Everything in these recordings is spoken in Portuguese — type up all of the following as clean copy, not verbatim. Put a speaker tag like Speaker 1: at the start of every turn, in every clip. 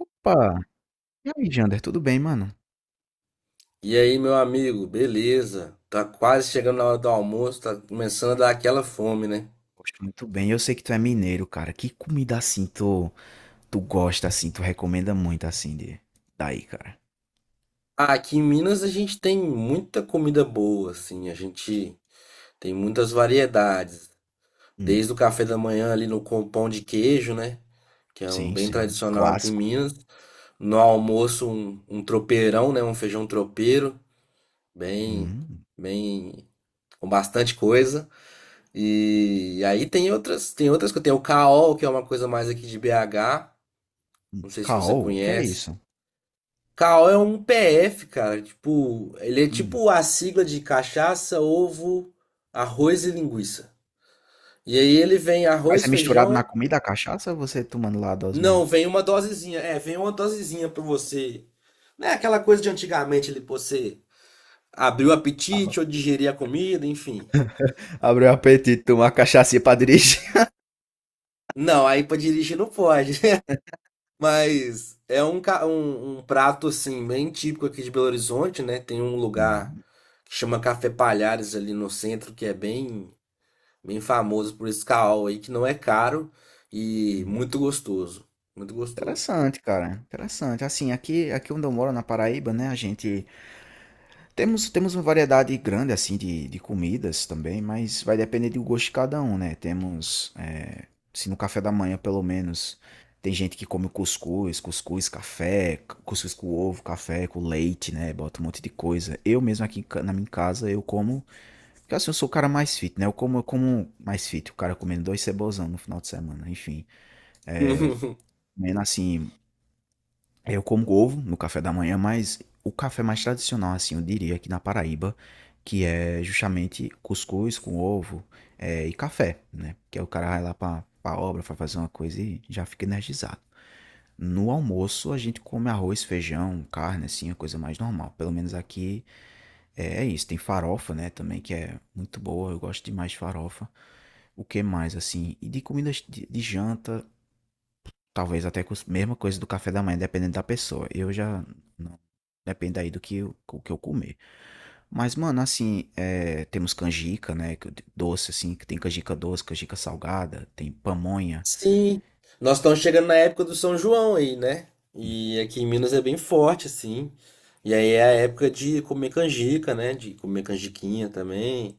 Speaker 1: Opa! E aí, Jander, tudo bem, mano?
Speaker 2: E aí, meu amigo, beleza? Tá quase chegando na hora do almoço, tá começando a dar aquela fome, né?
Speaker 1: Gosto muito bem. Eu sei que tu é mineiro, cara. Que comida assim tu gosta, assim, tu recomenda muito, assim, de... daí, cara?
Speaker 2: Aqui em Minas a gente tem muita comida boa, assim, a gente tem muitas variedades.
Speaker 1: Hum,
Speaker 2: Desde o café da manhã ali no com pão de queijo, né? Que é um
Speaker 1: sim,
Speaker 2: bem
Speaker 1: sim.
Speaker 2: tradicional aqui em
Speaker 1: Clássico.
Speaker 2: Minas. No almoço, um tropeirão, né? Um feijão tropeiro, bem,
Speaker 1: Hum.
Speaker 2: bem, com bastante coisa. E aí tem outras que tem o caol, que é uma coisa mais aqui de BH. Não sei se você
Speaker 1: Caol, o que é
Speaker 2: conhece.
Speaker 1: isso?
Speaker 2: Cal é um PF, cara. Tipo, ele é
Speaker 1: Hum.
Speaker 2: tipo a sigla de cachaça, ovo, arroz e linguiça. E aí ele vem
Speaker 1: Mas
Speaker 2: arroz,
Speaker 1: é misturado na
Speaker 2: feijão.
Speaker 1: comida, a cachaça, ou você tomando lá a dose mesmo?
Speaker 2: Não, vem uma dosezinha. É, vem uma dosezinha pra você. Não é aquela coisa de antigamente, ele, pô, você abrir o apetite ou digerir a comida, enfim.
Speaker 1: Abriu o apetite, tomar cachaça pra dirigir.
Speaker 2: Não, aí pra dirigir não pode. Mas é um prato assim bem típico aqui de Belo Horizonte, né? Tem um lugar
Speaker 1: Hum,
Speaker 2: que chama Café Palhares ali no centro, que é bem bem famoso por esse caol aí, que não é caro e
Speaker 1: hum.
Speaker 2: muito gostoso, muito gostoso.
Speaker 1: Interessante, cara. Interessante. Assim, aqui onde eu moro, na Paraíba, né, a gente... Temos uma variedade grande assim de comidas também, mas vai depender do gosto de cada um, né? Temos, é, se no café da manhã pelo menos, tem gente que come cuscuz, café, cuscuz com ovo, café com leite, né? Bota um monte de coisa. Eu mesmo aqui na minha casa, eu como, porque assim, eu sou o cara mais fit, né? Eu como mais fit, o cara comendo dois cebolzão no final de semana, enfim. Comendo assim, eu como ovo no café da manhã, mas o café mais tradicional, assim, eu diria, aqui na Paraíba, que é justamente cuscuz com ovo e café, né? Que aí o cara vai lá pra obra, vai fazer uma coisa e já fica energizado. No almoço, a gente come arroz, feijão, carne, assim, a coisa mais normal. Pelo menos aqui é isso. Tem farofa, né, também, que é muito boa. Eu gosto demais de farofa. O que mais, assim? E de comidas de janta, talvez até com a mesma coisa do café da manhã, dependendo da pessoa. Eu já. Não, depende aí do que, o que eu comer. Mas, mano, assim, é, temos canjica, né? Doce, assim, que tem canjica doce, canjica salgada, tem pamonha.
Speaker 2: Sim, nós estamos chegando na época do São João aí, né?
Speaker 1: Hum,
Speaker 2: E aqui em Minas é bem forte assim. E aí é a época de comer canjica, né? De comer canjiquinha também.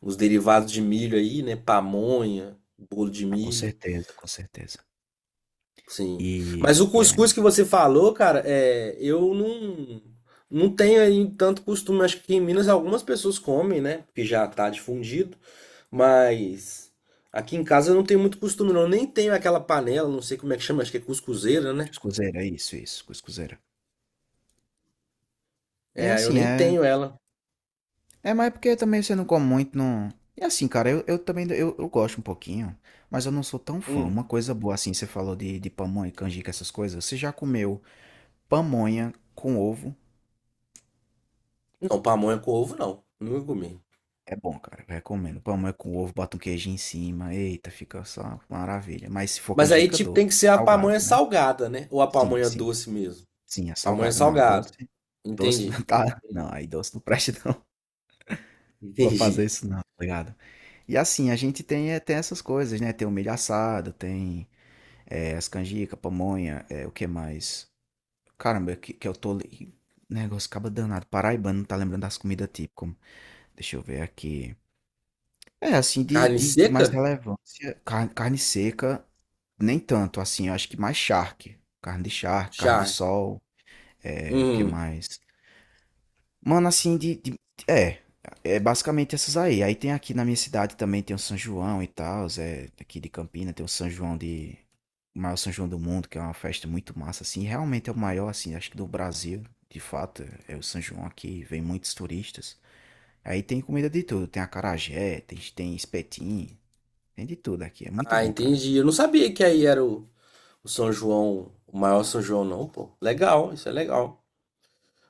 Speaker 2: Os derivados de milho aí, né? Pamonha, bolo de
Speaker 1: Ah, com
Speaker 2: milho,
Speaker 1: certeza, com certeza.
Speaker 2: sim. Mas o
Speaker 1: E
Speaker 2: cuscuz
Speaker 1: aí,
Speaker 2: que você falou, cara, é, eu não, não tenho aí tanto costume. Acho que em Minas algumas pessoas comem, né? Porque já tá difundido, mas aqui em casa eu não tenho muito costume, não. Eu nem tenho aquela panela, não sei como é que chama, acho que é cuscuzeira, né?
Speaker 1: cuscuzeira, é isso, isso, cuscuzeira. É
Speaker 2: É, eu
Speaker 1: assim,
Speaker 2: nem
Speaker 1: é.
Speaker 2: tenho ela.
Speaker 1: É, mas é porque também você não come muito, não. É assim, cara, eu também eu gosto um pouquinho, mas eu não sou tão fã. Uma
Speaker 2: Hum.
Speaker 1: coisa boa, assim, você falou de pamonha, canjica, essas coisas. Você já comeu pamonha com ovo?
Speaker 2: Não, pamonha com ovo, não. Nunca comi.
Speaker 1: É bom, cara. Eu recomendo. Pamonha com ovo, bota um queijinho em cima. Eita, fica só uma maravilha. Mas se for
Speaker 2: Mas aí,
Speaker 1: canjica
Speaker 2: tipo,
Speaker 1: doce,
Speaker 2: tem que ser a pamonha
Speaker 1: salgada, né?
Speaker 2: salgada, né? Ou a
Speaker 1: Sim,
Speaker 2: pamonha
Speaker 1: sim.
Speaker 2: doce mesmo.
Speaker 1: Sim, é
Speaker 2: Pamonha
Speaker 1: salgada. Não,
Speaker 2: salgada.
Speaker 1: doce. Doce não
Speaker 2: Entendi.
Speaker 1: tá. Não, aí doce não presta, não. Vou fazer
Speaker 2: Entendi.
Speaker 1: isso, não, tá ligado? E assim, a gente tem, é, tem essas coisas, né? Tem o milho assado, tem é, as canjica, pamonha, é, o que mais? Caramba, que eu tô. Negócio acaba danado. Paraibano não tá lembrando das comidas típicas. Deixa eu ver aqui. É, assim, de,
Speaker 2: Carne
Speaker 1: de, de mais
Speaker 2: seca?
Speaker 1: relevância, carne, carne seca, nem tanto, assim, eu acho que mais charque. Carne de charque, carne de
Speaker 2: Char.
Speaker 1: sol, é, o que
Speaker 2: Hum.
Speaker 1: mais? Mano, assim, de é, é basicamente essas aí. Aí tem aqui na minha cidade também tem o São João e tal, é, aqui de Campina tem o São João de, o maior São João do mundo, que é uma festa muito massa, assim, realmente é o maior, assim, acho que do Brasil, de fato, é o São João aqui, vem muitos turistas. Aí tem comida de tudo, tem acarajé, tem espetinho, tem de tudo aqui, é muito
Speaker 2: Ah,
Speaker 1: bom, cara.
Speaker 2: entendi. Eu não sabia que aí era o São João, o maior São João, não, pô. Legal, isso é legal.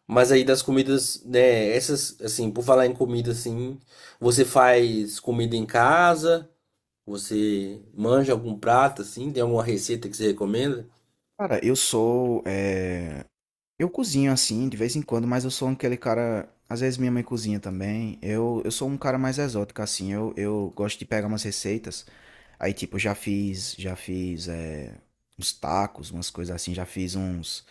Speaker 2: Mas aí das comidas, né, essas, assim, por falar em comida, assim, você faz comida em casa? Você manja algum prato, assim? Tem alguma receita que você recomenda?
Speaker 1: Cara, eu sou eu cozinho assim, de vez em quando, mas eu sou aquele cara. Às vezes minha mãe cozinha também. Eu sou um cara mais exótico, assim. Eu gosto de pegar umas receitas. Aí, tipo, eu já fiz é, uns tacos, umas coisas assim. Já fiz uns.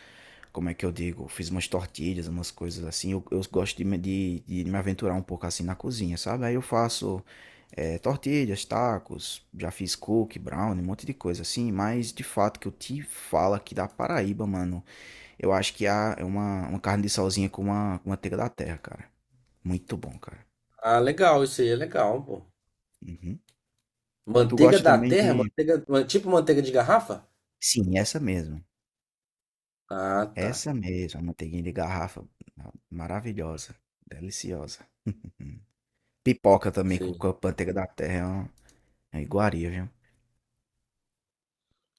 Speaker 1: Como é que eu digo? Fiz umas tortilhas, umas coisas assim. Eu gosto de, de me aventurar um pouco assim na cozinha, sabe? Aí eu faço é, tortilhas, tacos, já fiz cookie, brownie, um monte de coisa assim. Mas de fato que eu te falo aqui da Paraíba, mano. Eu acho que há é uma carne de solzinha com uma, com manteiga da terra, cara. Muito bom, cara.
Speaker 2: Ah, legal, isso aí é legal, pô.
Speaker 1: Uhum. Tu
Speaker 2: Manteiga
Speaker 1: gosta
Speaker 2: da
Speaker 1: também
Speaker 2: terra?
Speaker 1: de.
Speaker 2: Tipo manteiga de garrafa?
Speaker 1: Sim, essa mesmo.
Speaker 2: Ah, tá.
Speaker 1: Essa mesmo. A manteiguinha de garrafa. Ah, maravilhosa. Deliciosa. Pipoca também com
Speaker 2: Sim.
Speaker 1: a manteiga da terra. É uma iguaria, viu?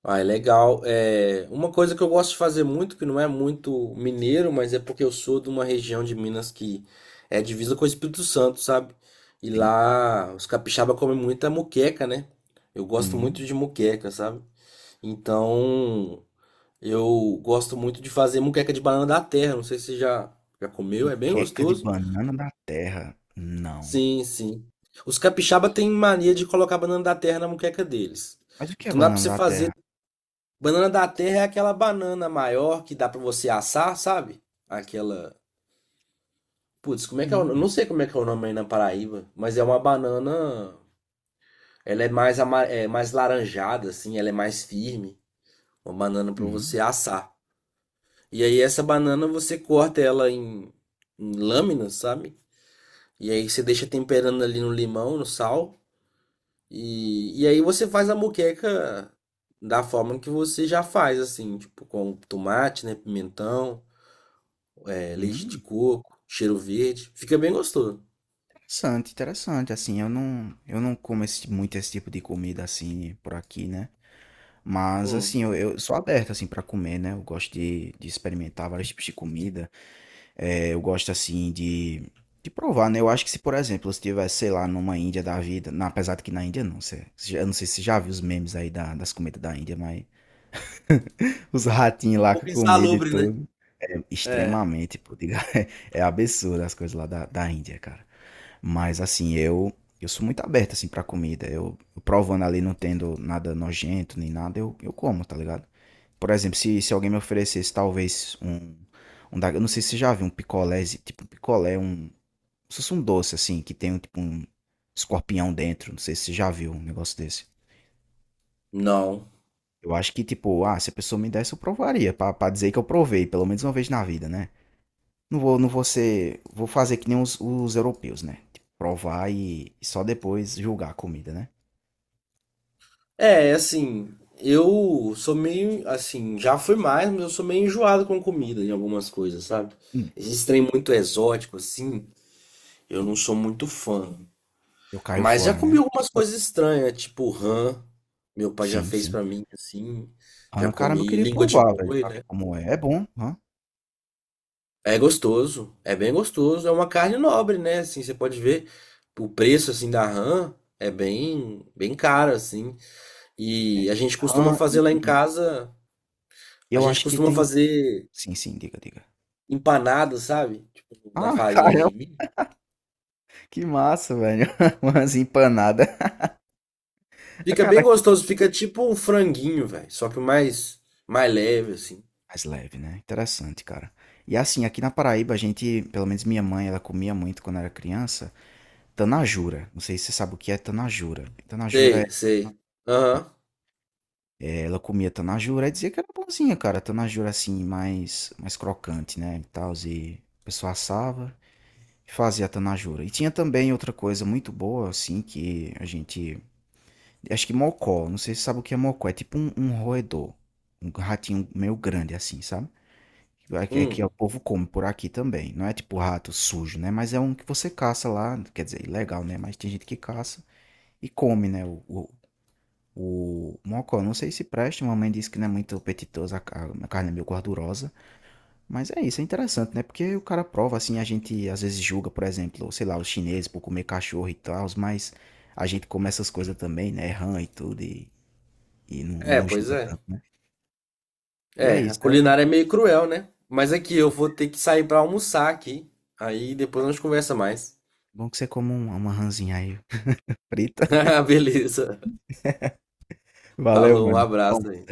Speaker 2: Ah, é legal. É, uma coisa que eu gosto de fazer muito, que não é muito mineiro, mas é porque eu sou de uma região de Minas que é divisa com o Espírito Santo, sabe? E
Speaker 1: Sim.
Speaker 2: lá os capixaba comem muita moqueca, né? Eu gosto
Speaker 1: Hum.
Speaker 2: muito de moqueca, sabe? Então, eu gosto muito de fazer moqueca de banana da terra. Não sei se já comeu, é bem
Speaker 1: Moqueca de
Speaker 2: gostoso.
Speaker 1: banana da terra. Não.
Speaker 2: Sim, sim. Os capixaba têm mania de colocar banana da terra na moqueca deles.
Speaker 1: Mas o que é
Speaker 2: Então dá pra
Speaker 1: banana
Speaker 2: você
Speaker 1: da terra?
Speaker 2: fazer. Banana da terra é aquela banana maior que dá pra você assar, sabe? Aquela. Putz, como é que é o... Eu
Speaker 1: Hum.
Speaker 2: não sei como é que é o nome aí na Paraíba, mas é uma banana. Ela é mais, ama... é mais laranjada, assim, ela é mais firme. Uma banana pra
Speaker 1: Hum.
Speaker 2: você assar. E aí, essa banana você corta em lâminas, sabe? E aí você deixa temperando ali no limão, no sal. E aí você faz a moqueca da forma que você já faz, assim, tipo, com tomate, né? Pimentão, é, leite de
Speaker 1: Hum,
Speaker 2: coco, cheiro verde. Fica bem gostoso.
Speaker 1: interessante, interessante. Assim, eu não como esse, muito esse tipo de comida assim por aqui, né? Mas
Speaker 2: Hum. Um
Speaker 1: assim, eu sou aberto assim para comer, né? Eu gosto de experimentar vários tipos de comida. É, eu gosto assim de provar, né? Eu acho que se, por exemplo, se tivesse, sei lá, numa Índia da vida, apesar de que na Índia não, você eu não sei se você já viu os memes aí das comidas da Índia, mas os ratinhos lá com a
Speaker 2: pouco
Speaker 1: comida e
Speaker 2: insalubre, né?
Speaker 1: tudo. É
Speaker 2: É.
Speaker 1: extremamente, pô, diga, é absurdo as coisas lá da Índia, cara. Mas assim, eu sou muito aberto assim para comida. Eu provando ali não tendo nada nojento nem nada, eu como, tá ligado? Por exemplo, se alguém me oferecesse talvez um, eu não sei se você já viu um picolé, tipo um picolé, um, como se fosse um doce assim, que tem um tipo um escorpião dentro, não sei se você já viu um negócio desse.
Speaker 2: Não.
Speaker 1: Eu acho que tipo, ah, se a pessoa me desse eu provaria, pra dizer que eu provei, pelo menos uma vez na vida, né? Não vou, não vou ser, vou fazer que nem os europeus, né? Tipo, provar e só depois julgar a comida, né?
Speaker 2: É, assim, eu sou meio, assim, já fui mais, mas eu sou meio enjoado com comida em algumas coisas, sabe?
Speaker 1: Hum,
Speaker 2: Esses trem muito exótico, assim, eu não sou muito fã.
Speaker 1: eu caio
Speaker 2: Mas já
Speaker 1: fora,
Speaker 2: comi
Speaker 1: né?
Speaker 2: algumas coisas estranhas, tipo rã, meu pai já
Speaker 1: Sim,
Speaker 2: fez
Speaker 1: sim.
Speaker 2: pra mim, assim. Já
Speaker 1: Ah, caramba, eu
Speaker 2: comi
Speaker 1: queria
Speaker 2: língua de
Speaker 1: provar, velho,
Speaker 2: boi,
Speaker 1: pra ver
Speaker 2: né?
Speaker 1: como é. É bom, hã?
Speaker 2: É gostoso, é bem gostoso, é uma carne nobre, né? Assim, você pode ver o preço assim da rã é bem, bem caro assim.
Speaker 1: É.
Speaker 2: E a gente costuma
Speaker 1: Rã
Speaker 2: fazer lá em
Speaker 1: e
Speaker 2: casa, a
Speaker 1: eu
Speaker 2: gente
Speaker 1: acho que
Speaker 2: costuma
Speaker 1: tem
Speaker 2: fazer
Speaker 1: sim, sim, diga, diga.
Speaker 2: empanado, sabe? Tipo, na
Speaker 1: Ah,
Speaker 2: farinha
Speaker 1: caramba,
Speaker 2: de milho.
Speaker 1: que massa, velho. Umas empanada. Ah,
Speaker 2: Fica bem
Speaker 1: cara,
Speaker 2: gostoso, fica tipo um franguinho, velho, só que mais mais leve assim.
Speaker 1: mais leve, né? Interessante, cara. E assim, aqui na Paraíba, a gente, pelo menos minha mãe, ela comia muito quando era criança, tanajura. Não sei se você sabe o que é tanajura. Tanajura é,
Speaker 2: Sei, sei. Aham.
Speaker 1: é, ela comia tanajura e dizia que era bonzinha, cara. Tanajura assim, mais crocante, né? E tal, e a pessoa assava e fazia tanajura. E tinha também outra coisa muito boa, assim, que a gente acho que mocó. Não sei se você sabe o que é mocó. É tipo um, um roedor. Um ratinho meio grande assim, sabe? É que o
Speaker 2: Hum.
Speaker 1: povo come por aqui também. Não é tipo rato sujo, né? Mas é um que você caça lá. Quer dizer, ilegal, né? Mas tem gente que caça e come, né? O mocó. Não sei se presta. Minha mãe disse que não é muito apetitoso. A carne é meio gordurosa. Mas é isso. É interessante, né? Porque o cara prova assim. A gente às vezes julga, por exemplo, sei lá, os chineses por comer cachorro e tal. Mas a gente come essas coisas também, né? Rã e tudo. E
Speaker 2: É,
Speaker 1: não
Speaker 2: pois
Speaker 1: julga
Speaker 2: é.
Speaker 1: tanto, né. E
Speaker 2: É,
Speaker 1: é
Speaker 2: a
Speaker 1: isso, é
Speaker 2: culinária é meio cruel, né? Mas aqui eu vou ter que sair pra almoçar aqui. Aí depois a gente conversa mais.
Speaker 1: bom que você coma uma rãzinha aí frita.
Speaker 2: Beleza.
Speaker 1: Valeu,
Speaker 2: Falou, um
Speaker 1: mano. Bom
Speaker 2: abraço aí.